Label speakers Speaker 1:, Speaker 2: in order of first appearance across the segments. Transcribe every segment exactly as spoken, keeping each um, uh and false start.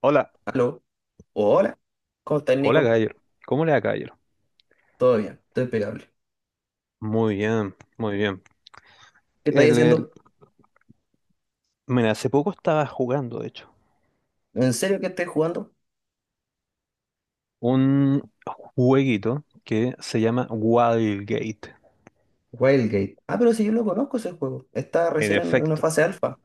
Speaker 1: Hola,
Speaker 2: Aló, hola, ¿cómo estás,
Speaker 1: hola
Speaker 2: Nico?
Speaker 1: Gayer. ¿Cómo le va, Gayer?
Speaker 2: Todo bien, estoy impecable.
Speaker 1: Muy bien, muy bien.
Speaker 2: ¿Qué estáis
Speaker 1: El, el-
Speaker 2: haciendo?
Speaker 1: Mira, hace poco estaba jugando, de hecho,
Speaker 2: ¿En serio que estáis jugando?
Speaker 1: un jueguito que se llama Wildgate.
Speaker 2: Wildgate. Ah, pero si yo lo conozco ese juego. Está
Speaker 1: En
Speaker 2: recién en una
Speaker 1: efecto,
Speaker 2: fase alfa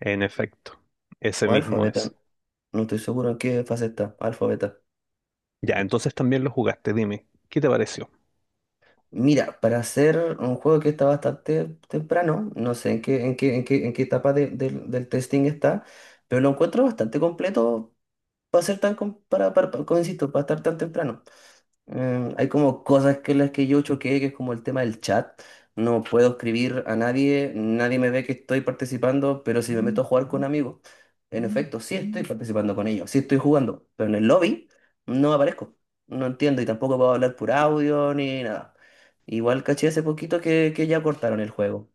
Speaker 1: en efecto. Ese
Speaker 2: o alfa
Speaker 1: mismo
Speaker 2: beta.
Speaker 1: es.
Speaker 2: No estoy seguro en qué fase está, alfa beta.
Speaker 1: Ya, entonces también lo jugaste, dime, ¿qué te pareció?
Speaker 2: Mira, para hacer un juego que está bastante temprano, no sé en qué, en qué, en qué, en qué etapa de- del del testing está, pero lo encuentro bastante completo para ser tan, com- para, para, para- como insisto, para estar tan temprano. Eh, hay como cosas que las que yo choqué, que es como el tema del chat. No puedo escribir a nadie, nadie me ve que estoy participando, pero si me meto a jugar con amigos, en efecto, sí estoy participando con ellos, sí estoy jugando, pero en el lobby no aparezco, no entiendo y tampoco puedo hablar por audio ni nada. Igual caché hace poquito que, que ya cortaron el juego,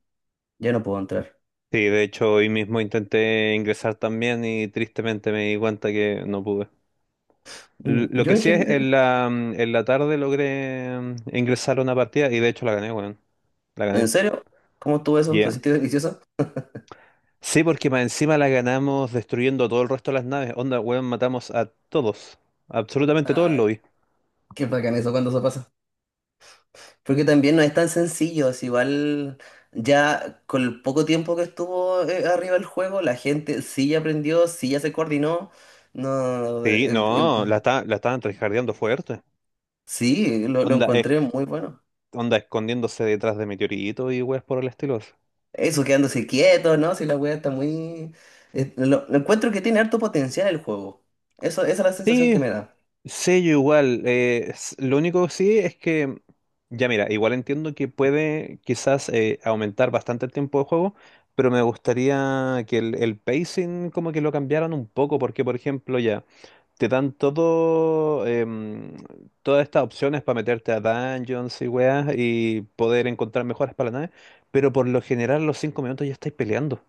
Speaker 2: ya no puedo entrar.
Speaker 1: Sí, de hecho hoy mismo intenté ingresar también y tristemente me di cuenta que no pude. L-
Speaker 2: Mm,
Speaker 1: Lo
Speaker 2: Yo
Speaker 1: que
Speaker 2: en
Speaker 1: sí es, en
Speaker 2: general,
Speaker 1: la, mm, en la tarde logré mm, ingresar a una partida y de hecho la gané, weón. La
Speaker 2: ¿en
Speaker 1: gané.
Speaker 2: serio? ¿Cómo estuvo eso?
Speaker 1: Yeah.
Speaker 2: ¿Se sintió delicioso?
Speaker 1: Sí, porque más encima la ganamos destruyendo todo el resto de las naves. Onda, weón, matamos a todos. Absolutamente todos lo
Speaker 2: Ay,
Speaker 1: vi.
Speaker 2: qué bacán eso cuando se pasa. Porque también no es tan sencillo, es igual ya con el poco tiempo que estuvo eh, arriba el juego, la gente sí ya aprendió, sí ya se coordinó. No, eh,
Speaker 1: Sí,
Speaker 2: eh, em,
Speaker 1: no, la, esta- la estaban tryhardeando fuerte.
Speaker 2: sí, lo, lo
Speaker 1: Onda, es-
Speaker 2: encontré muy bueno.
Speaker 1: Onda, escondiéndose detrás de meteoritos y weas por el estilo.
Speaker 2: Eso quedándose quieto, ¿no? Si la wea está muy. eh, lo, lo encuentro que tiene harto potencial el juego. Eso, esa es la sensación que
Speaker 1: Sí,
Speaker 2: me da.
Speaker 1: sí, yo igual. Eh, s- lo único que sí es que, ya mira, igual entiendo que puede quizás eh, aumentar bastante el tiempo de juego, pero me gustaría que el, el pacing como que lo cambiaran un poco, porque por ejemplo ya te dan todo, em, todas estas opciones para meterte a dungeons y weas y poder encontrar mejoras para la nave, pero por lo general los cinco minutos ya estáis peleando.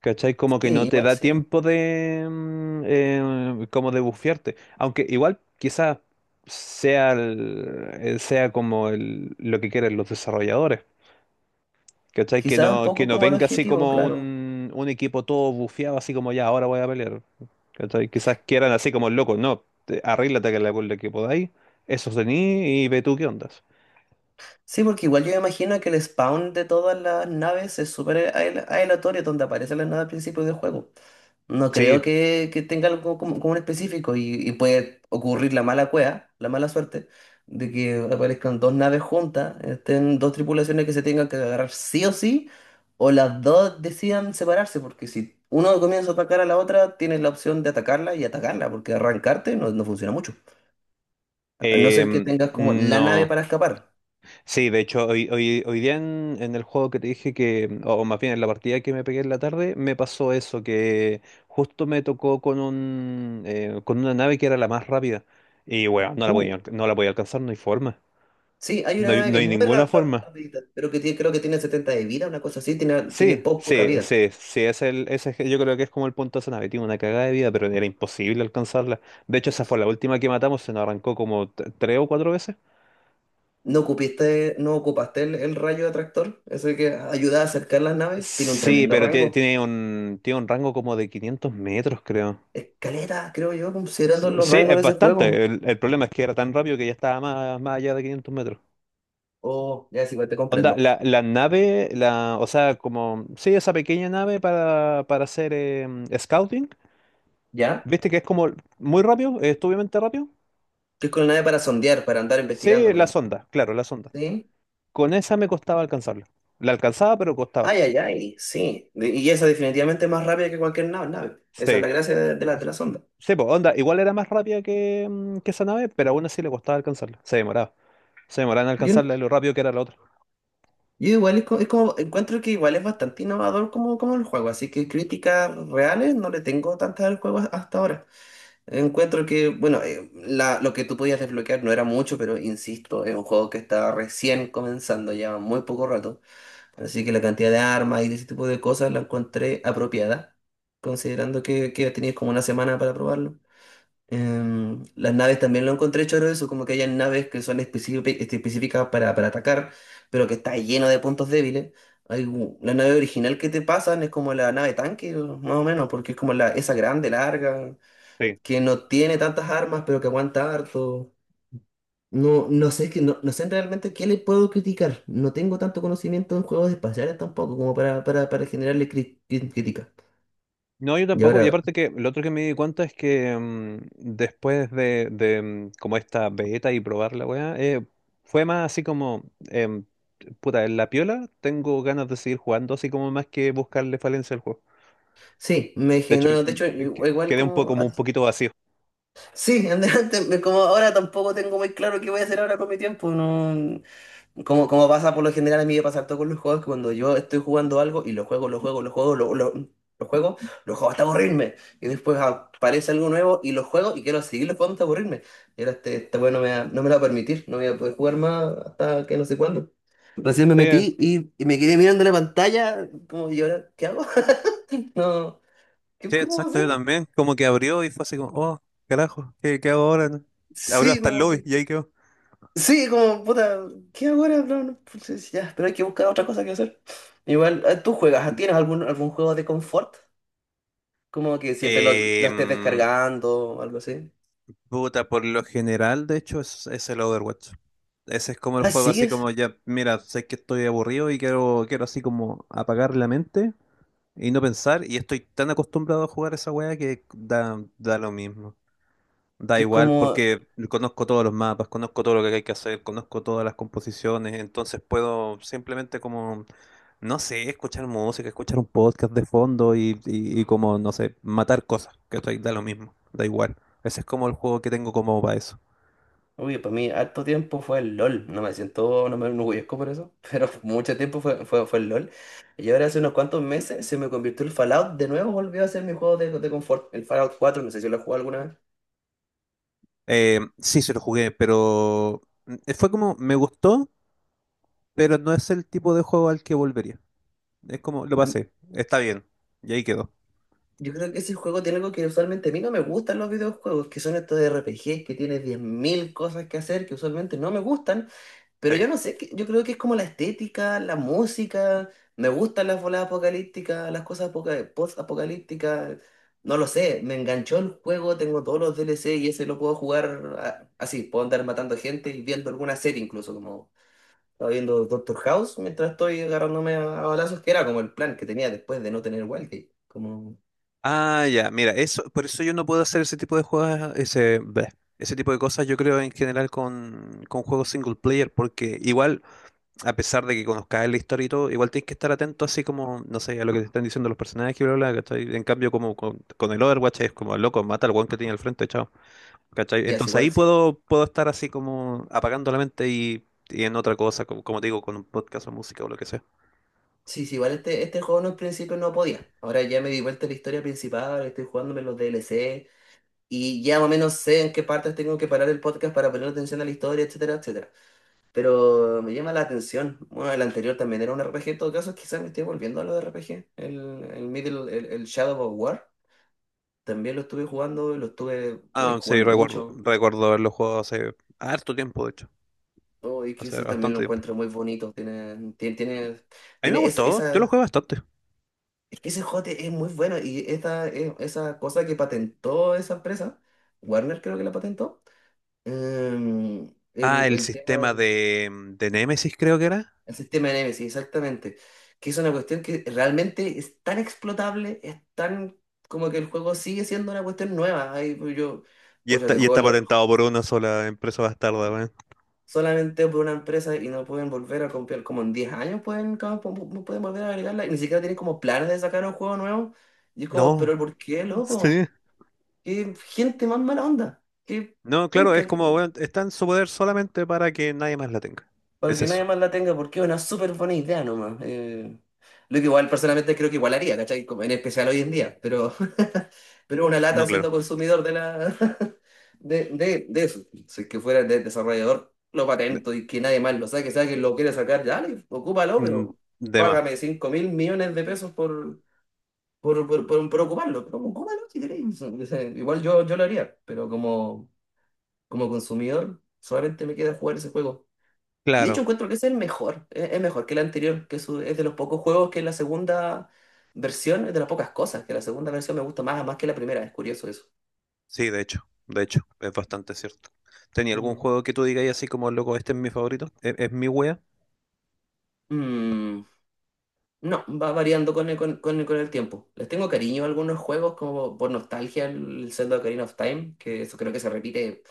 Speaker 1: ¿Cachai? Como que
Speaker 2: Sí,
Speaker 1: no te
Speaker 2: igual
Speaker 1: da
Speaker 2: sí.
Speaker 1: tiempo de, mm, eh, como de bufiarte. Aunque igual quizás sea, el- eh, sea como el- lo que quieren los desarrolladores. ¿Cachai? Que
Speaker 2: Quizás un
Speaker 1: no, que
Speaker 2: poco
Speaker 1: no
Speaker 2: como el
Speaker 1: venga así
Speaker 2: objetivo,
Speaker 1: como
Speaker 2: claro.
Speaker 1: un, un equipo todo bufeado, así como ya, ahora voy a pelear. ¿Cachai? Quizás quieran así como locos, no, te- arríglate que la, con lo que podáis, eso tení y ve tú qué ondas.
Speaker 2: Sí, porque igual yo me imagino que el spawn de todas las naves es súper ael- aleatorio donde aparecen las naves al principio del juego. No creo
Speaker 1: Sí,
Speaker 2: que, que tenga algo como, como un específico y, y puede ocurrir la mala cueva, la mala suerte, de que aparezcan dos naves juntas, estén dos tripulaciones que se tengan que agarrar sí o sí, o las dos decidan separarse, porque si uno comienza a atacar a la otra, tienes la opción de atacarla y atacarla, porque arrancarte no, no funciona mucho, a no ser que
Speaker 1: eh,
Speaker 2: tengas como la nave
Speaker 1: no.
Speaker 2: para escapar.
Speaker 1: Sí, de hecho, hoy, hoy, hoy día en, en el juego que te dije que, mm, o más bien en la partida que me pegué en la tarde, me pasó eso, que justo me tocó con un, eh, con una nave que era la más rápida. Y bueno, no la podía,
Speaker 2: Uh.
Speaker 1: alca- no la podía alcanzar, no hay forma.
Speaker 2: Sí, hay
Speaker 1: No
Speaker 2: una
Speaker 1: hay,
Speaker 2: nave
Speaker 1: no
Speaker 2: que es
Speaker 1: hay
Speaker 2: muy
Speaker 1: ninguna
Speaker 2: ra- ra-
Speaker 1: forma.
Speaker 2: rapidita, pero que tiene- creo que tiene setenta de vida, una cosa así, tiene, tiene
Speaker 1: Sí,
Speaker 2: po- poca
Speaker 1: sí,
Speaker 2: vida.
Speaker 1: sí, sí, ese es el, ese es- yo creo que es como el punto de esa nave, tiene una cagada de vida, pero era imposible alcanzarla. De hecho, esa fue la última que matamos, se nos arrancó como t- tres o cuatro veces.
Speaker 2: ¿No ocupaste, no ocupaste el, el rayo de atractor? Ese que ayuda a acercar las naves. Tiene un
Speaker 1: Sí,
Speaker 2: tremendo
Speaker 1: pero tie-
Speaker 2: rango.
Speaker 1: tiene un, tiene un rango como de quinientos metros, creo.
Speaker 2: Escaleta, creo yo, considerando los
Speaker 1: Sí,
Speaker 2: rangos
Speaker 1: es
Speaker 2: de ese juego.
Speaker 1: bastante. El, el problema es que era tan rápido que ya estaba más, más allá de quinientos metros.
Speaker 2: Oh, ya, sí, igual te
Speaker 1: Onda,
Speaker 2: comprendo.
Speaker 1: la, la nave, la, o sea, como, sí, esa pequeña nave para, para hacer em, scouting,
Speaker 2: ¿Ya?
Speaker 1: viste que es como muy rápido, es obviamente rápido.
Speaker 2: Que es con la nave para sondear, para andar investigando,
Speaker 1: Sí,
Speaker 2: por
Speaker 1: la
Speaker 2: ejemplo.
Speaker 1: sonda, claro, la sonda.
Speaker 2: ¿Sí?
Speaker 1: Con esa me costaba alcanzarla. La alcanzaba, pero costaba.
Speaker 2: Ay, ay, ay, sí. De- Y esa definitivamente es más rápida que cualquier nave. nave. Esa es
Speaker 1: Sí,
Speaker 2: la gracia de, de la, de la sonda.
Speaker 1: sí, pues, onda, igual era más rápida que, mm, que esa nave, pero aún así le costaba alcanzarla. Se demoraba. Se demoraba en
Speaker 2: Yo,
Speaker 1: alcanzarla y lo rápido que era la otra.
Speaker 2: Yo igual es co- es como, encuentro que igual es bastante innovador como, como el juego, así que críticas reales no le tengo tantas al juego hasta ahora. Encuentro que, bueno, eh, la- lo que tú podías desbloquear no era mucho, pero insisto, es un juego que está recién comenzando, lleva muy poco rato, así que la cantidad de armas y de ese tipo de cosas la encontré apropiada, considerando que, que tenías como una semana para probarlo. Em, las naves también lo encontré choro eso, como que hay naves que son específi- este, específicas para, para atacar, pero que está lleno de puntos débiles. Hay u- la nave original que te pasan es como la nave tanque, más o menos, porque es como la, esa grande, larga,
Speaker 1: Sí.
Speaker 2: que no tiene tantas armas, pero que aguanta harto. No, no sé, que no, no sé realmente qué le puedo criticar. No tengo tanto conocimiento en juegos espaciales tampoco como para, para, para generarle cri- cri- crítica.
Speaker 1: No, yo
Speaker 2: Y
Speaker 1: tampoco. Y
Speaker 2: ahora,
Speaker 1: aparte que lo otro que me di cuenta es que mm, después de, de, mm, como esta beta y probar la weá, eh, fue más así como, em, puta, en la piola tengo ganas de seguir jugando, así como más que buscarle falencia al juego.
Speaker 2: sí, me
Speaker 1: De hecho,
Speaker 2: generó, de hecho,
Speaker 1: que- que-
Speaker 2: igual
Speaker 1: quedé un poco,
Speaker 2: como
Speaker 1: como un poquito vacío.
Speaker 2: Sí, adelante, me- como ahora tampoco tengo muy claro qué voy a hacer ahora con mi tiempo, no, como, como pasa por lo general a mí me pasa todo con los juegos, que cuando yo estoy jugando algo y lo juego, lo juego, lo juego, lo, lo, lo juego, lo juego hasta aburrirme, y después aparece algo nuevo y lo juego y quiero seguirlo jugando hasta aburrirme, y ahora este, este juego no me, va- no me lo va a permitir, no voy a poder jugar más hasta que no sé cuándo. Recién me
Speaker 1: Sí,
Speaker 2: metí y, y me quedé mirando la pantalla, como, ¿y ahora qué hago? No, ¿qué,
Speaker 1: sí,
Speaker 2: qué puedo
Speaker 1: exacto, yo
Speaker 2: hacer?
Speaker 1: también. Como que abrió y fue así como, oh, carajo, ¿qué, qué hago ahora? Abrió
Speaker 2: Sí,
Speaker 1: hasta el
Speaker 2: como,
Speaker 1: lobby
Speaker 2: que.
Speaker 1: y ahí quedó.
Speaker 2: Sí, como, puta, ¿qué hago ahora? No, no, pues, es- ya, pero hay que buscar otra cosa que hacer. Igual, eh, ¿tú juegas? ¿Tienes algún, algún juego de confort? Como que siempre lo, lo estés
Speaker 1: Em,
Speaker 2: descargando o algo así.
Speaker 1: Puta, por lo general, de hecho, es, es el Overwatch. Ese es como el
Speaker 2: Ah,
Speaker 1: juego así
Speaker 2: ¿sigues?
Speaker 1: como ya, mira, sé que estoy aburrido y quiero, quiero así como apagar la mente y no pensar. Y estoy tan acostumbrado a jugar esa weá que da, da lo mismo. Da
Speaker 2: Que es
Speaker 1: igual
Speaker 2: como,
Speaker 1: porque conozco todos los mapas, conozco todo lo que hay que hacer, conozco todas las composiciones, entonces puedo simplemente como, no sé, escuchar música, escuchar un podcast de fondo y, y, y como, no sé, matar cosas, que estoy, da lo mismo, da igual. Ese es como el juego que tengo como para eso.
Speaker 2: uy, para mí harto tiempo fue el L O L. No me siento, no me enorgullezco por eso, pero mucho tiempo fue, fue, fue el L O L. Y ahora hace unos cuantos meses se me convirtió el Fallout. De nuevo volvió a ser mi juego de, de confort. El Fallout cuatro no sé si lo he jugado alguna vez.
Speaker 1: Eh, sí, se lo jugué, pero mm, fue como, me gustó, pero no es el tipo de juego al que volvería. Es como, lo pasé, está bien, y ahí quedó.
Speaker 2: Yo creo que ese juego tiene algo que usualmente a mí no me gustan los videojuegos, que son estos R P Gs que tienes diez mil cosas que hacer que usualmente no me gustan, pero yo no sé, que- yo creo que es como la estética, la música, me gustan las voladas apocalípticas, las cosas apoca- post-apocalípticas, no lo sé, me enganchó el juego, tengo todos los D L C y ese lo puedo jugar a- así, puedo andar matando gente y viendo alguna serie incluso, como estaba viendo Doctor House mientras estoy agarrándome a, a balazos, que era como el plan que tenía después de no tener Wildgate, como...
Speaker 1: Ah, ya, mira, eso, por eso yo no puedo hacer ese tipo de juegos, ese, bleh, ese tipo de cosas, yo creo en general con, con juegos single player, porque igual, a pesar de que conozcas la historia y todo, igual tienes que estar atento así como, no sé, a lo que te están diciendo los personajes, bla, bla, bla, ¿cachai? En cambio, como con, con el Overwatch es como, loco, mata al weón que tiene al frente, chao, ¿cachai?
Speaker 2: Ya es
Speaker 1: Entonces
Speaker 2: igual,
Speaker 1: ahí
Speaker 2: sí.
Speaker 1: puedo, puedo estar así como apagando la mente y, y en otra cosa, como, como te digo, con un podcast o música o lo que sea.
Speaker 2: Sí, sí, igual este, este juego no al principio no podía. Ahora ya me di vuelta a la historia principal, estoy jugándome los D L C y ya más o menos sé en qué partes tengo que parar el podcast para poner atención a la historia, etcétera, etcétera. Pero me llama la atención. Bueno, el anterior también era un R P G, en todo caso, quizás me estoy volviendo a los R P G. El, el Middle, el, el Shadow of War, también lo estuve jugando, lo estuve, uy,
Speaker 1: Ah, sí,
Speaker 2: jugando
Speaker 1: recuerdo,
Speaker 2: mucho.
Speaker 1: recuerdo haberlo jugado hace harto tiempo, de hecho,
Speaker 2: Oh, y que
Speaker 1: hace
Speaker 2: ese también lo
Speaker 1: bastante tiempo.
Speaker 2: encuentro muy bonito. Tiene, tiene, tiene,
Speaker 1: A mí me
Speaker 2: tiene esa
Speaker 1: gustó, yo lo
Speaker 2: esa,
Speaker 1: jugué bastante.
Speaker 2: es que ese jote es muy bueno y esa eh, esa cosa que patentó esa empresa, Warner creo que la patentó, em,
Speaker 1: Ah,
Speaker 2: el,
Speaker 1: el
Speaker 2: el tema
Speaker 1: sistema
Speaker 2: del
Speaker 1: de, mm, de Nemesis creo que era.
Speaker 2: el sistema de Nemesis, exactamente, que es una cuestión que realmente es tan explotable, es tan como que el juego sigue siendo una cuestión nueva. Ahí pues yo,
Speaker 1: Y
Speaker 2: pues yo
Speaker 1: está,
Speaker 2: te
Speaker 1: y
Speaker 2: juego
Speaker 1: está
Speaker 2: lo-
Speaker 1: patentado
Speaker 2: lo-
Speaker 1: por una sola empresa bastarda, weón.
Speaker 2: solamente por una empresa y no pueden volver a comprar, como en diez años pueden, como, pu- pu- pueden volver a agregarla y ni siquiera tienen como planes de sacar un juego nuevo. Y es como,
Speaker 1: No,
Speaker 2: pero ¿por qué,
Speaker 1: sí.
Speaker 2: loco? Qué gente más mala onda. Qué
Speaker 1: No, claro,
Speaker 2: penca.
Speaker 1: es
Speaker 2: que-
Speaker 1: como, weón, está en su poder solamente para que nadie más la tenga.
Speaker 2: Para
Speaker 1: Es
Speaker 2: que
Speaker 1: eso.
Speaker 2: nadie más la tenga, porque es una súper buena idea nomás. Eh, lo que igual personalmente creo que igual haría, ¿cachai? Como en especial hoy en día. Pero, pero una
Speaker 1: No,
Speaker 2: lata
Speaker 1: claro.
Speaker 2: siendo consumidor de la de, de, de eso. Si es que fuera de desarrollador, lo
Speaker 1: De,
Speaker 2: patento y que nadie más lo saque, sea que lo quiere sacar, dale, ocúpalo,
Speaker 1: mm,
Speaker 2: pero
Speaker 1: de más.
Speaker 2: págame cinco mil millones de pesos por, por, por, por, por ocuparlo. Pero ocúpalo si queréis. O sea, igual yo, yo lo haría, pero como. Como consumidor, solamente me queda jugar ese juego. Y de hecho
Speaker 1: Claro,
Speaker 2: encuentro que ese es el mejor, es, es mejor que el anterior, que su- es de los pocos juegos que la segunda versión, es de las pocas cosas, que la segunda versión me gusta más, más que la primera, es curioso eso.
Speaker 1: sí, de hecho, de hecho, es bastante cierto. ¿Tenía algún
Speaker 2: Mm.
Speaker 1: juego que tú digas así como, loco, este es mi favorito? ¿Es, es mi wea?
Speaker 2: Mm, No, va variando con el, con, con- el, con el tiempo. Les tengo cariño a algunos juegos, como por nostalgia, el Zelda Ocarina of Time, que eso creo que se repite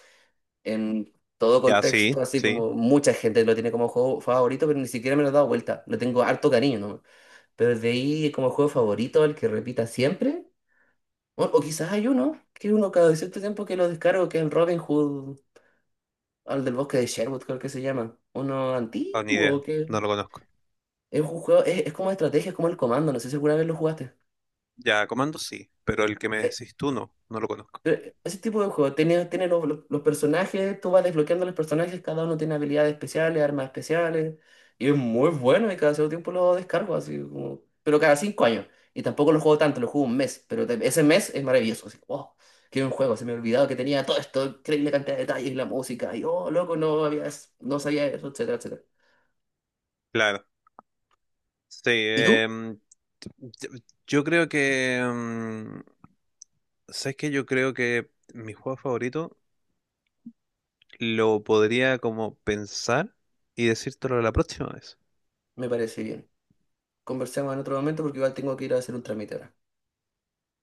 Speaker 2: en todo
Speaker 1: Ya, sí,
Speaker 2: contexto, así
Speaker 1: sí.
Speaker 2: como mucha gente lo tiene como juego favorito, pero ni siquiera me lo he dado vuelta. Lo tengo harto cariño, ¿no? Pero de ahí como juego favorito, el que repita siempre. O, o quizás hay uno, que uno cada cierto tiempo que lo descargo, que es el Robin Hood, al del bosque de Sherwood, creo que se llama. Uno
Speaker 1: Ah, ni idea,
Speaker 2: antiguo, que
Speaker 1: no lo conozco.
Speaker 2: es un juego, es, es como de estrategia, es como el comando, no sé si alguna vez lo jugaste.
Speaker 1: Ya, Comando sí, pero el que me decís tú no, no lo conozco.
Speaker 2: Eh, Ese tipo de juego, tiene, tiene los, los- los personajes, tú vas desbloqueando los personajes, cada uno tiene habilidades especiales, armas especiales, y es muy bueno y cada cierto tiempo lo descargo, así como, pero cada cinco años. Y tampoco lo juego tanto, lo juego un mes, pero te- ese mes es maravilloso, así, wow, qué buen juego, se me ha olvidado que tenía todo esto, increíble cantidad de detalles, la música, y oh, loco, no había, no sabía eso, etcétera, etcétera.
Speaker 1: Claro. Sí,
Speaker 2: ¿Y tú?
Speaker 1: em, t- t- yo creo que... em, ¿Sabes qué? Yo creo que mi juego favorito lo podría como pensar y decírtelo la próxima vez.
Speaker 2: Me parece bien. Conversemos en otro momento porque igual tengo que ir a hacer un trámite ahora.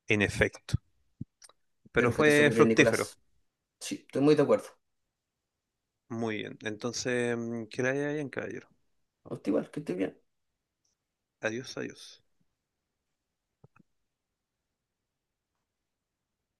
Speaker 1: En efecto. Pero
Speaker 2: Espero que te
Speaker 1: fue
Speaker 2: supe bien,
Speaker 1: fructífero.
Speaker 2: Nicolás. Sí, estoy muy de acuerdo.
Speaker 1: Muy bien. Entonces, mm, que la haya bien, caballero.
Speaker 2: A usted igual, que estés bien.
Speaker 1: Adiós, adiós.